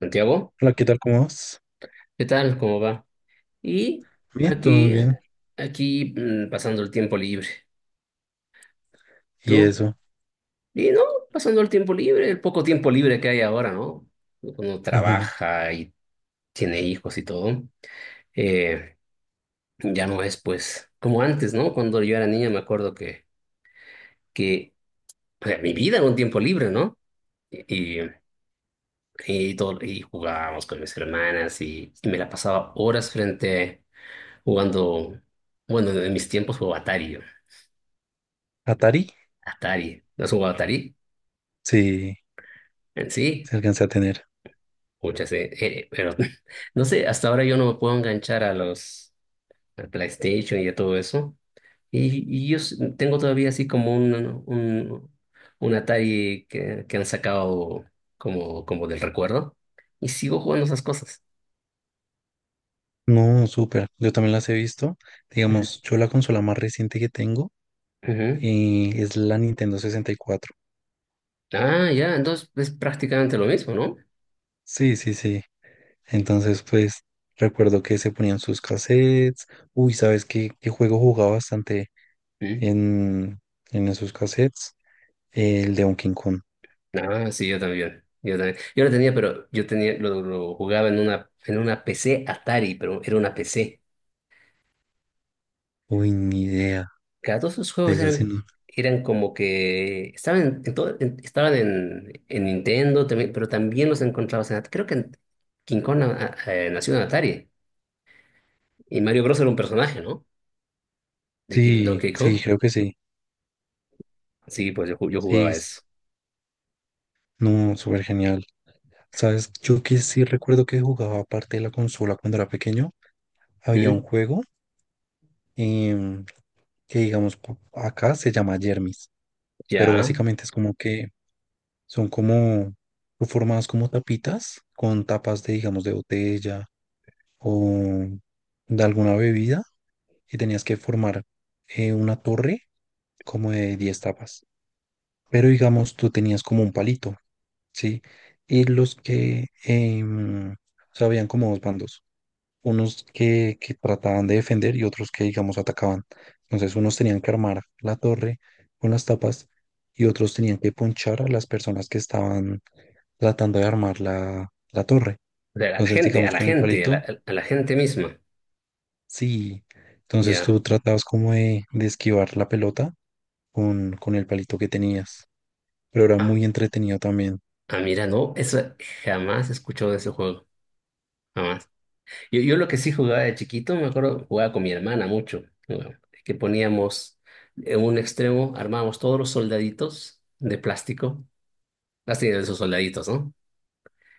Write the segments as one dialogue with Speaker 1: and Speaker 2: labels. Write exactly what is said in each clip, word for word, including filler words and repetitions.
Speaker 1: Santiago,
Speaker 2: Hola, ¿qué tal? ¿Cómo vas?
Speaker 1: ¿qué tal? ¿Cómo va? Y
Speaker 2: Bien, todo muy
Speaker 1: aquí,
Speaker 2: bien.
Speaker 1: eh, aquí mm, pasando el tiempo libre.
Speaker 2: ¿Y
Speaker 1: ¿Tú?
Speaker 2: eso?
Speaker 1: Y no, pasando el tiempo libre, el poco tiempo libre que hay ahora, ¿no? Uno
Speaker 2: Ujú.
Speaker 1: trabaja y tiene hijos y todo. Eh, ya no es pues como antes, ¿no? Cuando yo era niña me acuerdo que, que o sea, mi vida era un tiempo libre, ¿no? Y, y, y todo, y jugábamos con mis hermanas y, y me la pasaba horas frente jugando, bueno, en mis tiempos jugaba Atari. Yo.
Speaker 2: ¿Atari?
Speaker 1: Atari. ¿No has jugado Atari?
Speaker 2: Sí,
Speaker 1: En sí,
Speaker 2: se alcanza a tener.
Speaker 1: muchas, eh, eh, pero no sé, hasta ahora yo no me puedo enganchar a los al PlayStation y a todo eso. Y, y yo s- tengo todavía así como un, un, un Atari que, que han sacado como, como del recuerdo. Y sigo jugando esas cosas.
Speaker 2: No, súper. Yo también las he visto.
Speaker 1: Ujú.
Speaker 2: Digamos, yo la consola más reciente que tengo
Speaker 1: Ujú.
Speaker 2: eh, es la Nintendo sesenta y cuatro.
Speaker 1: Ah, ya, entonces es prácticamente lo mismo, ¿no?
Speaker 2: Sí, sí, sí. Entonces, pues, recuerdo que se ponían sus cassettes. Uy, ¿sabes qué, qué juego jugaba bastante
Speaker 1: Mm.
Speaker 2: en, en esos cassettes? El de Donkey Kong.
Speaker 1: Ah, sí, yo también. Yo también. Yo lo tenía, pero yo tenía, lo, lo jugaba en una, en una P C Atari, pero era una P C.
Speaker 2: Uy, ni idea.
Speaker 1: Claro, todos esos
Speaker 2: De
Speaker 1: juegos
Speaker 2: eso sí
Speaker 1: eran,
Speaker 2: no.
Speaker 1: eran como que estaban en, en todo, en- estaban en, en Nintendo también, pero también los encontrabas en Atari. Creo que en- King Kong ah, ah, eh, nació en Atari y Mario Bros era un personaje, ¿no? De King-
Speaker 2: Sí,
Speaker 1: Donkey
Speaker 2: sí,
Speaker 1: Kong.
Speaker 2: creo que sí.
Speaker 1: Sí, pues yo, ju- yo
Speaker 2: Sí,
Speaker 1: jugaba
Speaker 2: es-
Speaker 1: eso.
Speaker 2: no, súper genial. ¿Sabes? Yo que sí recuerdo que jugaba parte de la consola cuando era pequeño. Había un
Speaker 1: ¿Mm?
Speaker 2: juego em, que, digamos, po- acá se llama Yermis, pero
Speaker 1: Ya.
Speaker 2: básicamente es como que son como formadas como tapitas con tapas de, digamos, de botella o de alguna bebida y tenías que formar eh, una torre como de diez tapas. Pero, digamos, tú tenías como un palito, ¿sí? Y los que, em, o sea, habían como dos bandos unos que, que trataban de defender y otros que, digamos, atacaban. Entonces, unos tenían que armar la torre con las tapas y otros tenían que ponchar a las personas que estaban tratando de armar la, la torre.
Speaker 1: O sea, a la
Speaker 2: Entonces,
Speaker 1: gente, a
Speaker 2: digamos,
Speaker 1: la
Speaker 2: con el
Speaker 1: gente, a la,
Speaker 2: palito,
Speaker 1: a la gente misma.
Speaker 2: sí. Entonces,
Speaker 1: Ya.
Speaker 2: tú tratabas como de, de esquivar la pelota con, con el palito que tenías. Pero era
Speaker 1: Ah,
Speaker 2: muy entretenido también.
Speaker 1: ah, mira, no, eso jamás he escuchado de ese juego. Jamás. Yo, yo lo que sí jugaba de chiquito, me acuerdo, jugaba con mi hermana mucho, ¿no? Que poníamos en un extremo, armábamos todos los soldaditos de plástico, las tenían esos soldaditos, ¿no?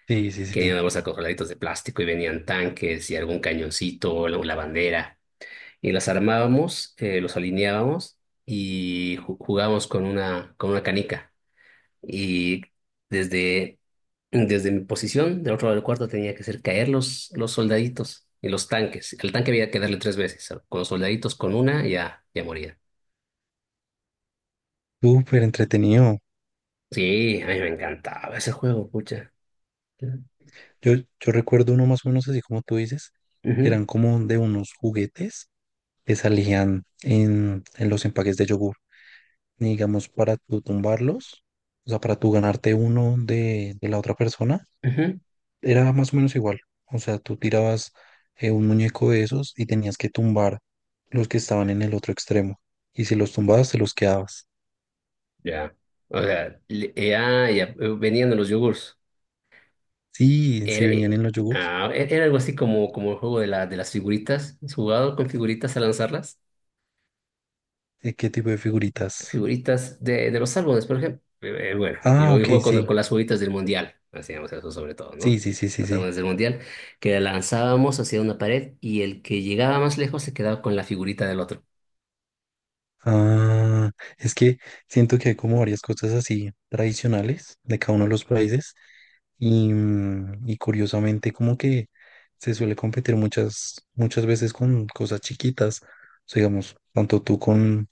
Speaker 2: Sí, sí,
Speaker 1: Que venían en la
Speaker 2: sí.
Speaker 1: bolsa con soldaditos de plástico y venían tanques y algún cañoncito, o la la bandera. Y las armábamos, eh, los alineábamos y ju- jugábamos con una, con una canica. Y desde, desde mi posición, del otro lado del cuarto, tenía que hacer caer los, los soldaditos y los tanques. El tanque había que darle tres veces. Con los soldaditos, con una, ya, ya moría.
Speaker 2: Súper entretenido.
Speaker 1: Sí, a mí me encantaba ese juego, pucha. Ujú,
Speaker 2: Yo, yo recuerdo uno más o menos así como tú dices, que eran como de unos juguetes que salían en, en los empaques de yogur. Y digamos, para tú tumbarlos, o sea, para tú ganarte uno de, de la otra persona,
Speaker 1: ujú.
Speaker 2: era más o menos igual. O sea, tú tirabas eh, un muñeco de esos y tenías que tumbar los que estaban en el otro extremo. Y si los tumbabas, te los quedabas.
Speaker 1: Ya. O sea, le- ya, ya, eh, venían de los yogurts.
Speaker 2: Sí,
Speaker 1: Era,
Speaker 2: si venían
Speaker 1: eh,
Speaker 2: en los yogures.
Speaker 1: ah, e, era algo así como, como el juego de la, de las figuritas. ¿Has jugado con figuritas a lanzarlas?
Speaker 2: ¿De qué tipo de figuritas?
Speaker 1: Figuritas de, de los álbumes, por ejemplo. Eh, bueno, yo
Speaker 2: Ah, ok,
Speaker 1: juego con,
Speaker 2: sí.
Speaker 1: con las figuritas del Mundial, hacíamos eso sobre todo,
Speaker 2: Sí,
Speaker 1: ¿no?
Speaker 2: sí, sí, sí,
Speaker 1: Los
Speaker 2: sí.
Speaker 1: álbumes del Mundial, que lanzábamos hacia una pared y el que llegaba más lejos se quedaba con la figurita del otro.
Speaker 2: Ah, es que siento que hay como varias cosas así tradicionales de cada uno de los países y, mm, y curiosamente como que se suele competir muchas, muchas veces con cosas chiquitas, o sea, digamos, tanto tú con,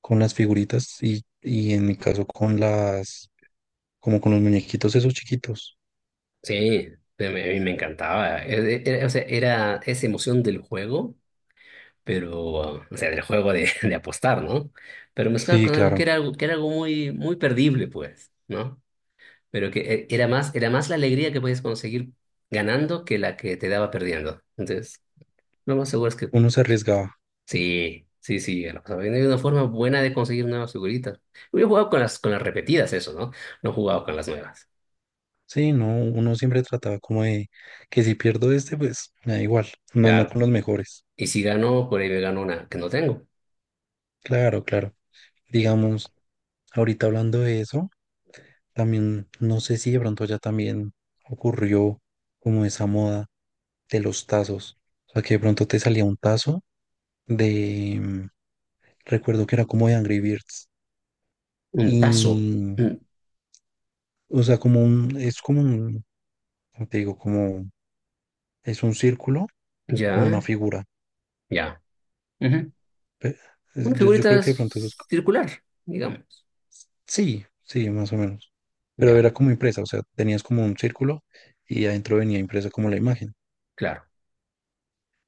Speaker 2: con las figuritas y, y en mi caso con las, como con los muñequitos esos chiquitos.
Speaker 1: Sí, a mí a mí me encantaba. Eh, eh, Era, o sea, era esa emoción del juego, pero, o sea, del juego de, de apostar, ¿no? Pero mezclado
Speaker 2: Sí,
Speaker 1: con algo que
Speaker 2: claro,
Speaker 1: era algo, que era algo muy, muy perdible, pues, ¿no? Pero que eh, era más, era más la alegría que podías conseguir ganando que la que te daba perdiendo. Entonces, lo más seguro es que
Speaker 2: uno se arriesgaba.
Speaker 1: sí, sí, sí, a la pasaba bien. Hay una forma buena de conseguir nuevas figuritas. Yo he jugado con las, con las repetidas, eso, ¿no? No he jugado con las nuevas.
Speaker 2: Sí, no, uno siempre trataba como de que si pierdo este, pues me da igual, no, no
Speaker 1: Claro.
Speaker 2: con los mejores.
Speaker 1: Y si gano por ahí me gano una que no tengo.
Speaker 2: Claro, claro. Digamos, ahorita hablando de eso, también no sé si de pronto ya también ocurrió como esa moda de los tazos. O sea, que de pronto te salía un tazo de, mm, recuerdo que era como de Angry Birds.
Speaker 1: Un tazo.
Speaker 2: Y,
Speaker 1: Mm,
Speaker 2: o sea, como un, es como un, ¿cómo te digo? Como, es un círculo con una
Speaker 1: ya,
Speaker 2: figura.
Speaker 1: ya. Ujú.
Speaker 2: Pe-
Speaker 1: Una
Speaker 2: es- Yo, yo
Speaker 1: figurita
Speaker 2: creo que de pronto eso es, co-
Speaker 1: circular, digamos.
Speaker 2: Sí, sí, más o menos. Pero
Speaker 1: Ya,
Speaker 2: era como impresa, o sea, tenías como un círculo y adentro venía impresa como la imagen.
Speaker 1: claro.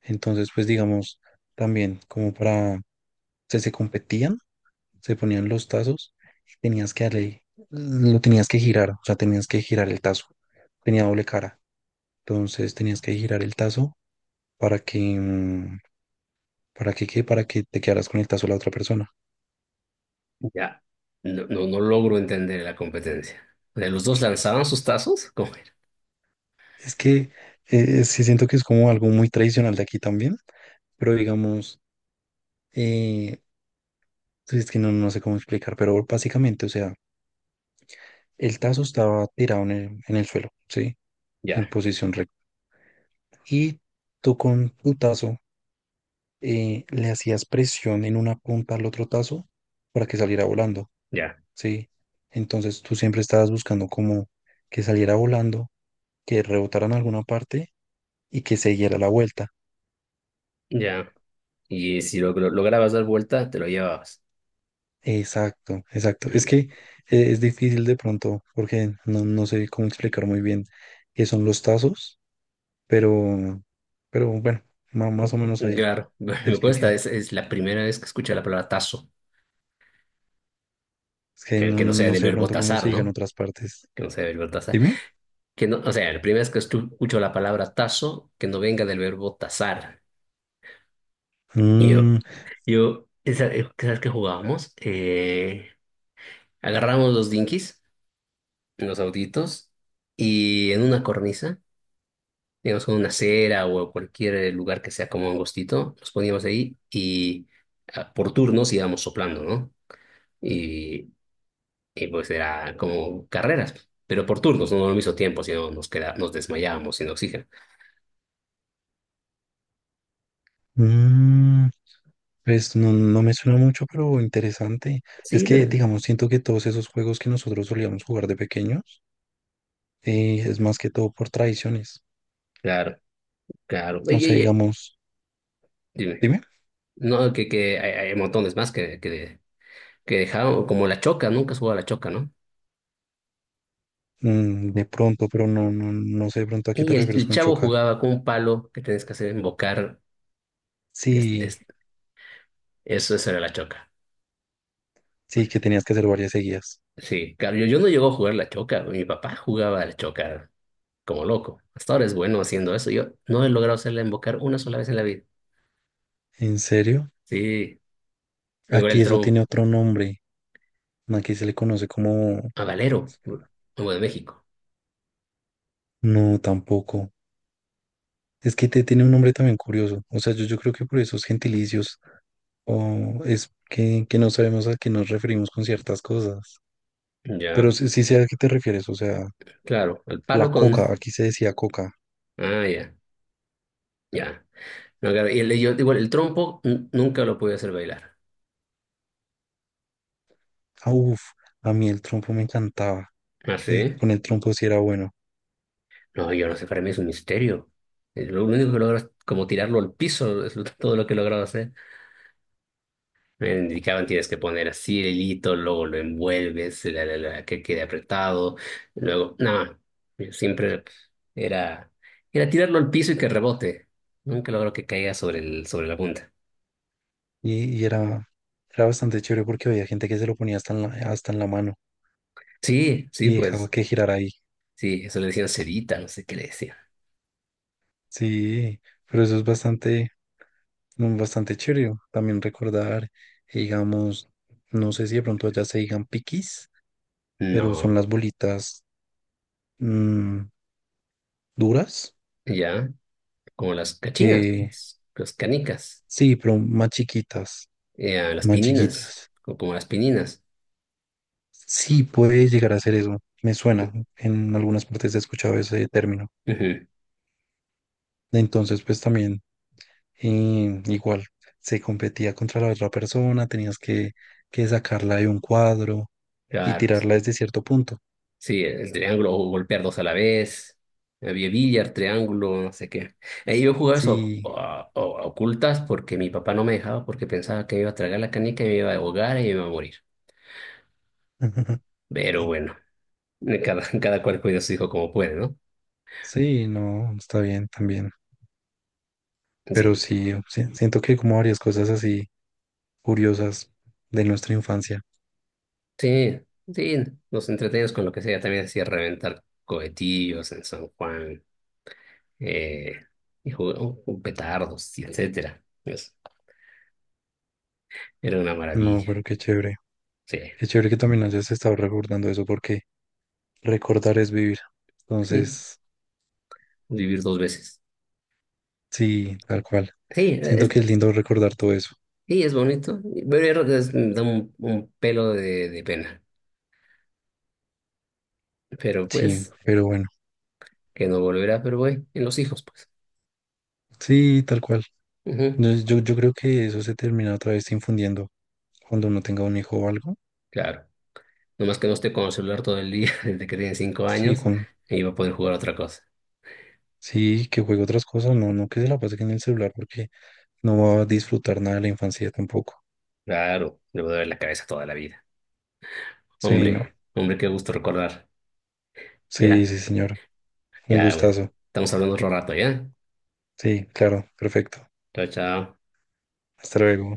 Speaker 2: Entonces, pues digamos, también como para, se, se competían, se ponían los tazos y tenías que darle, lo tenías que girar, o sea, tenías que girar el tazo. Tenía doble cara. Entonces tenías que girar el tazo para que, mm, para que, ¿qué? Para que te quedaras con el tazo de la otra persona.
Speaker 1: Ya. No, no, no logro entender la competencia. O sea, los dos lanzaban sus tazos. ¿Cómo era?
Speaker 2: Es que eh, sí siento que es como algo muy tradicional de aquí también, pero digamos, eh, pues, es que no, no, sé cómo explicar, pero básicamente, o sea, el tazo estaba tirado en el, en el suelo, ¿sí? En
Speaker 1: Ya,
Speaker 2: posición recta y tú con tu tazo eh, le hacías presión en una punta al otro tazo para que saliera volando,
Speaker 1: ya,
Speaker 2: ¿sí? Entonces tú siempre estabas buscando como que saliera volando, que rebotara en alguna parte y que se diera la vuelta.
Speaker 1: ya. Y si lo, lo lograbas dar vuelta, te lo llevabas.
Speaker 2: Exacto, exacto. Es
Speaker 1: Mm,
Speaker 2: que eh, es difícil de pronto porque no, no, sé cómo explicar muy bien qué son los tazos, pero, pero bueno, ma- más o menos ahí
Speaker 1: claro,
Speaker 2: te
Speaker 1: me cuesta.
Speaker 2: expliqué.
Speaker 1: Es, es la primera vez que escucho la palabra tazo,
Speaker 2: Es que
Speaker 1: eh,
Speaker 2: no,
Speaker 1: que no sea
Speaker 2: no,
Speaker 1: del
Speaker 2: sé de
Speaker 1: verbo
Speaker 2: pronto cómo
Speaker 1: tazar,
Speaker 2: se digan
Speaker 1: ¿no?
Speaker 2: otras partes.
Speaker 1: Que no sea del verbo tazar.
Speaker 2: Dime.
Speaker 1: Que no, o sea, la primera vez que estu- escucho la palabra tazo, que no venga del verbo tazar. Y yo,
Speaker 2: Mm,
Speaker 1: yo, esa, eh, ¿sabes qué jugábamos? Eh, agarramos los dinkies, los autitos, y en una cornisa. Digamos, con una acera o cualquier lugar que sea como angostito, nos poníamos ahí y ah, por turnos íbamos soplando, ¿no? Y, y, pues era como carreras, pero por turnos, no no al mismo tiempo, sino nos queda, nos desmayábamos sin oxígeno.
Speaker 2: mm, pues no, no me suena mucho, pero interesante. Es
Speaker 1: Sí,
Speaker 2: que,
Speaker 1: pero
Speaker 2: digamos, siento que todos esos juegos que nosotros solíamos jugar de pequeños, eh, es más que todo por tradiciones.
Speaker 1: claro, claro. Oye,
Speaker 2: O sea,
Speaker 1: oye,
Speaker 2: digamos,
Speaker 1: dime,
Speaker 2: dime,
Speaker 1: no, que, que hay, hay montones más que, que, que dejaron, como la choca, nunca jugaba la choca, ¿no?
Speaker 2: mm, de pronto, pero no, no, no sé de pronto a qué
Speaker 1: Y
Speaker 2: te
Speaker 1: el,
Speaker 2: refieres
Speaker 1: el
Speaker 2: con
Speaker 1: chavo
Speaker 2: choca.
Speaker 1: jugaba con un palo que tenías que hacer embocar, que es-
Speaker 2: Sí,
Speaker 1: es- eso, eso era la choca.
Speaker 2: sí, que tenías que hacer varias seguidas.
Speaker 1: Sí, claro, yo, yo no llego a jugar la choca, güey. Mi papá jugaba la choca como loco. Hasta ahora es bueno haciendo eso. Yo no he logrado hacerla embocar una sola vez en la vida.
Speaker 2: ¿En serio?
Speaker 1: Sí, igual
Speaker 2: Aquí
Speaker 1: el
Speaker 2: eso
Speaker 1: trompo,
Speaker 2: tiene otro nombre. Aquí se le conoce como.
Speaker 1: a Valero, como de México.
Speaker 2: No, tampoco. Es que te tiene un nombre también curioso. O sea, yo, yo creo que por esos gentilicios o es que, que no sabemos a qué nos referimos con ciertas cosas. Pero
Speaker 1: Ya,
Speaker 2: sí, sí sé a qué te refieres, o sea,
Speaker 1: claro, al
Speaker 2: la
Speaker 1: palo
Speaker 2: coca,
Speaker 1: con...
Speaker 2: aquí se decía coca.
Speaker 1: Ah, ya, ya. No, claro, y el, yo, igual el trompo n- nunca lo pude hacer bailar.
Speaker 2: Ah, uf, a mí el trompo me encantaba.
Speaker 1: ¿Ah,
Speaker 2: eh,
Speaker 1: sí?
Speaker 2: con el trompo sí era bueno.
Speaker 1: No, yo no sé, para mí es un misterio. Eh, Lo único que logro es como tirarlo al piso, es lo- todo lo que he logrado hacer. Me indicaban tienes que poner así el hilito, luego lo envuelves, la, la, la, que quede apretado, luego, nada, yo siempre era, era tirarlo al piso y que rebote, nunca logro que caiga sobre el, sobre la punta.
Speaker 2: Y, y era, era bastante chévere porque había gente que se lo ponía hasta en la, hasta en la mano
Speaker 1: Sí, sí,
Speaker 2: y dejaba
Speaker 1: pues,
Speaker 2: que girara ahí.
Speaker 1: sí, eso le decían cerita, no sé qué le decían.
Speaker 2: Sí, pero eso es bastante, mm, bastante chévere. También recordar, digamos, no sé si de pronto allá se digan piquis, pero
Speaker 1: No,
Speaker 2: son las bolitas mm, duras.
Speaker 1: ya, como las cachinas,
Speaker 2: Eh,
Speaker 1: pues, las canicas,
Speaker 2: sí, pero más chiquitas,
Speaker 1: eh, las
Speaker 2: más
Speaker 1: pininas,
Speaker 2: chiquitas.
Speaker 1: o como las pininas.
Speaker 2: Sí, puede llegar a ser eso. Me suena.
Speaker 1: Ujú,
Speaker 2: En algunas partes he escuchado ese término.
Speaker 1: ujú,
Speaker 2: Entonces, pues también, eh, igual, se competía contra la otra persona, tenías que, que sacarla de un cuadro y
Speaker 1: claro,
Speaker 2: tirarla desde cierto punto.
Speaker 1: sí, el triángulo, o golpear dos a la vez. Había billar, triángulo, no sé qué. Ahí yo jugaba eso a-
Speaker 2: Sí,
Speaker 1: a- a ocultas porque mi papá no me dejaba porque pensaba que me iba a tragar la canica y me iba a ahogar y me iba a morir. Pero bueno, cada, cada cual cuida a su hijo como puede, ¿no?
Speaker 2: sí, no, está bien también. Pero
Speaker 1: Sí,
Speaker 2: sí, sí, siento que hay como varias cosas así curiosas de nuestra infancia.
Speaker 1: sí, sí. Nos entretenemos con lo que sea. También hacía reventar cohetillos en San Juan eh, y jugamos con petardos, y etcétera. Pues, era una
Speaker 2: No,
Speaker 1: maravilla.
Speaker 2: pero qué chévere.
Speaker 1: Sí,
Speaker 2: Qué chévere que también hayas estado recordando eso porque recordar es vivir.
Speaker 1: sí,
Speaker 2: Entonces,
Speaker 1: vivir dos veces.
Speaker 2: sí, tal cual.
Speaker 1: Sí,
Speaker 2: Siento
Speaker 1: es
Speaker 2: que es lindo recordar todo eso.
Speaker 1: sí, es bonito, pero yo creo que es- da un, un pelo de, de pena. Pero
Speaker 2: Sí,
Speaker 1: pues,
Speaker 2: pero bueno,
Speaker 1: que no volverá, pero voy, en los hijos, pues.
Speaker 2: sí, tal cual.
Speaker 1: Ujú,
Speaker 2: Yo, yo, yo creo que eso se termina otra vez infundiendo cuando uno tenga un hijo o algo.
Speaker 1: claro. Nomás que no esté con el celular todo el día, desde que tiene cinco
Speaker 2: Sí,
Speaker 1: años,
Speaker 2: con,
Speaker 1: y va a poder jugar a otra cosa.
Speaker 2: sí, que juegue otras cosas, no, no, que se la pase en el celular porque no va a disfrutar nada de la infancia tampoco.
Speaker 1: Claro, le va a doler la cabeza toda la vida.
Speaker 2: Sí, no.
Speaker 1: Hombre, hombre, qué gusto recordar. Ya,
Speaker 2: Sí, sí, señor. Un
Speaker 1: ya, pues.
Speaker 2: gustazo.
Speaker 1: Estamos hablando otro rato, ¿ya?
Speaker 2: Sí, claro, perfecto.
Speaker 1: Chao, chao.
Speaker 2: Hasta luego.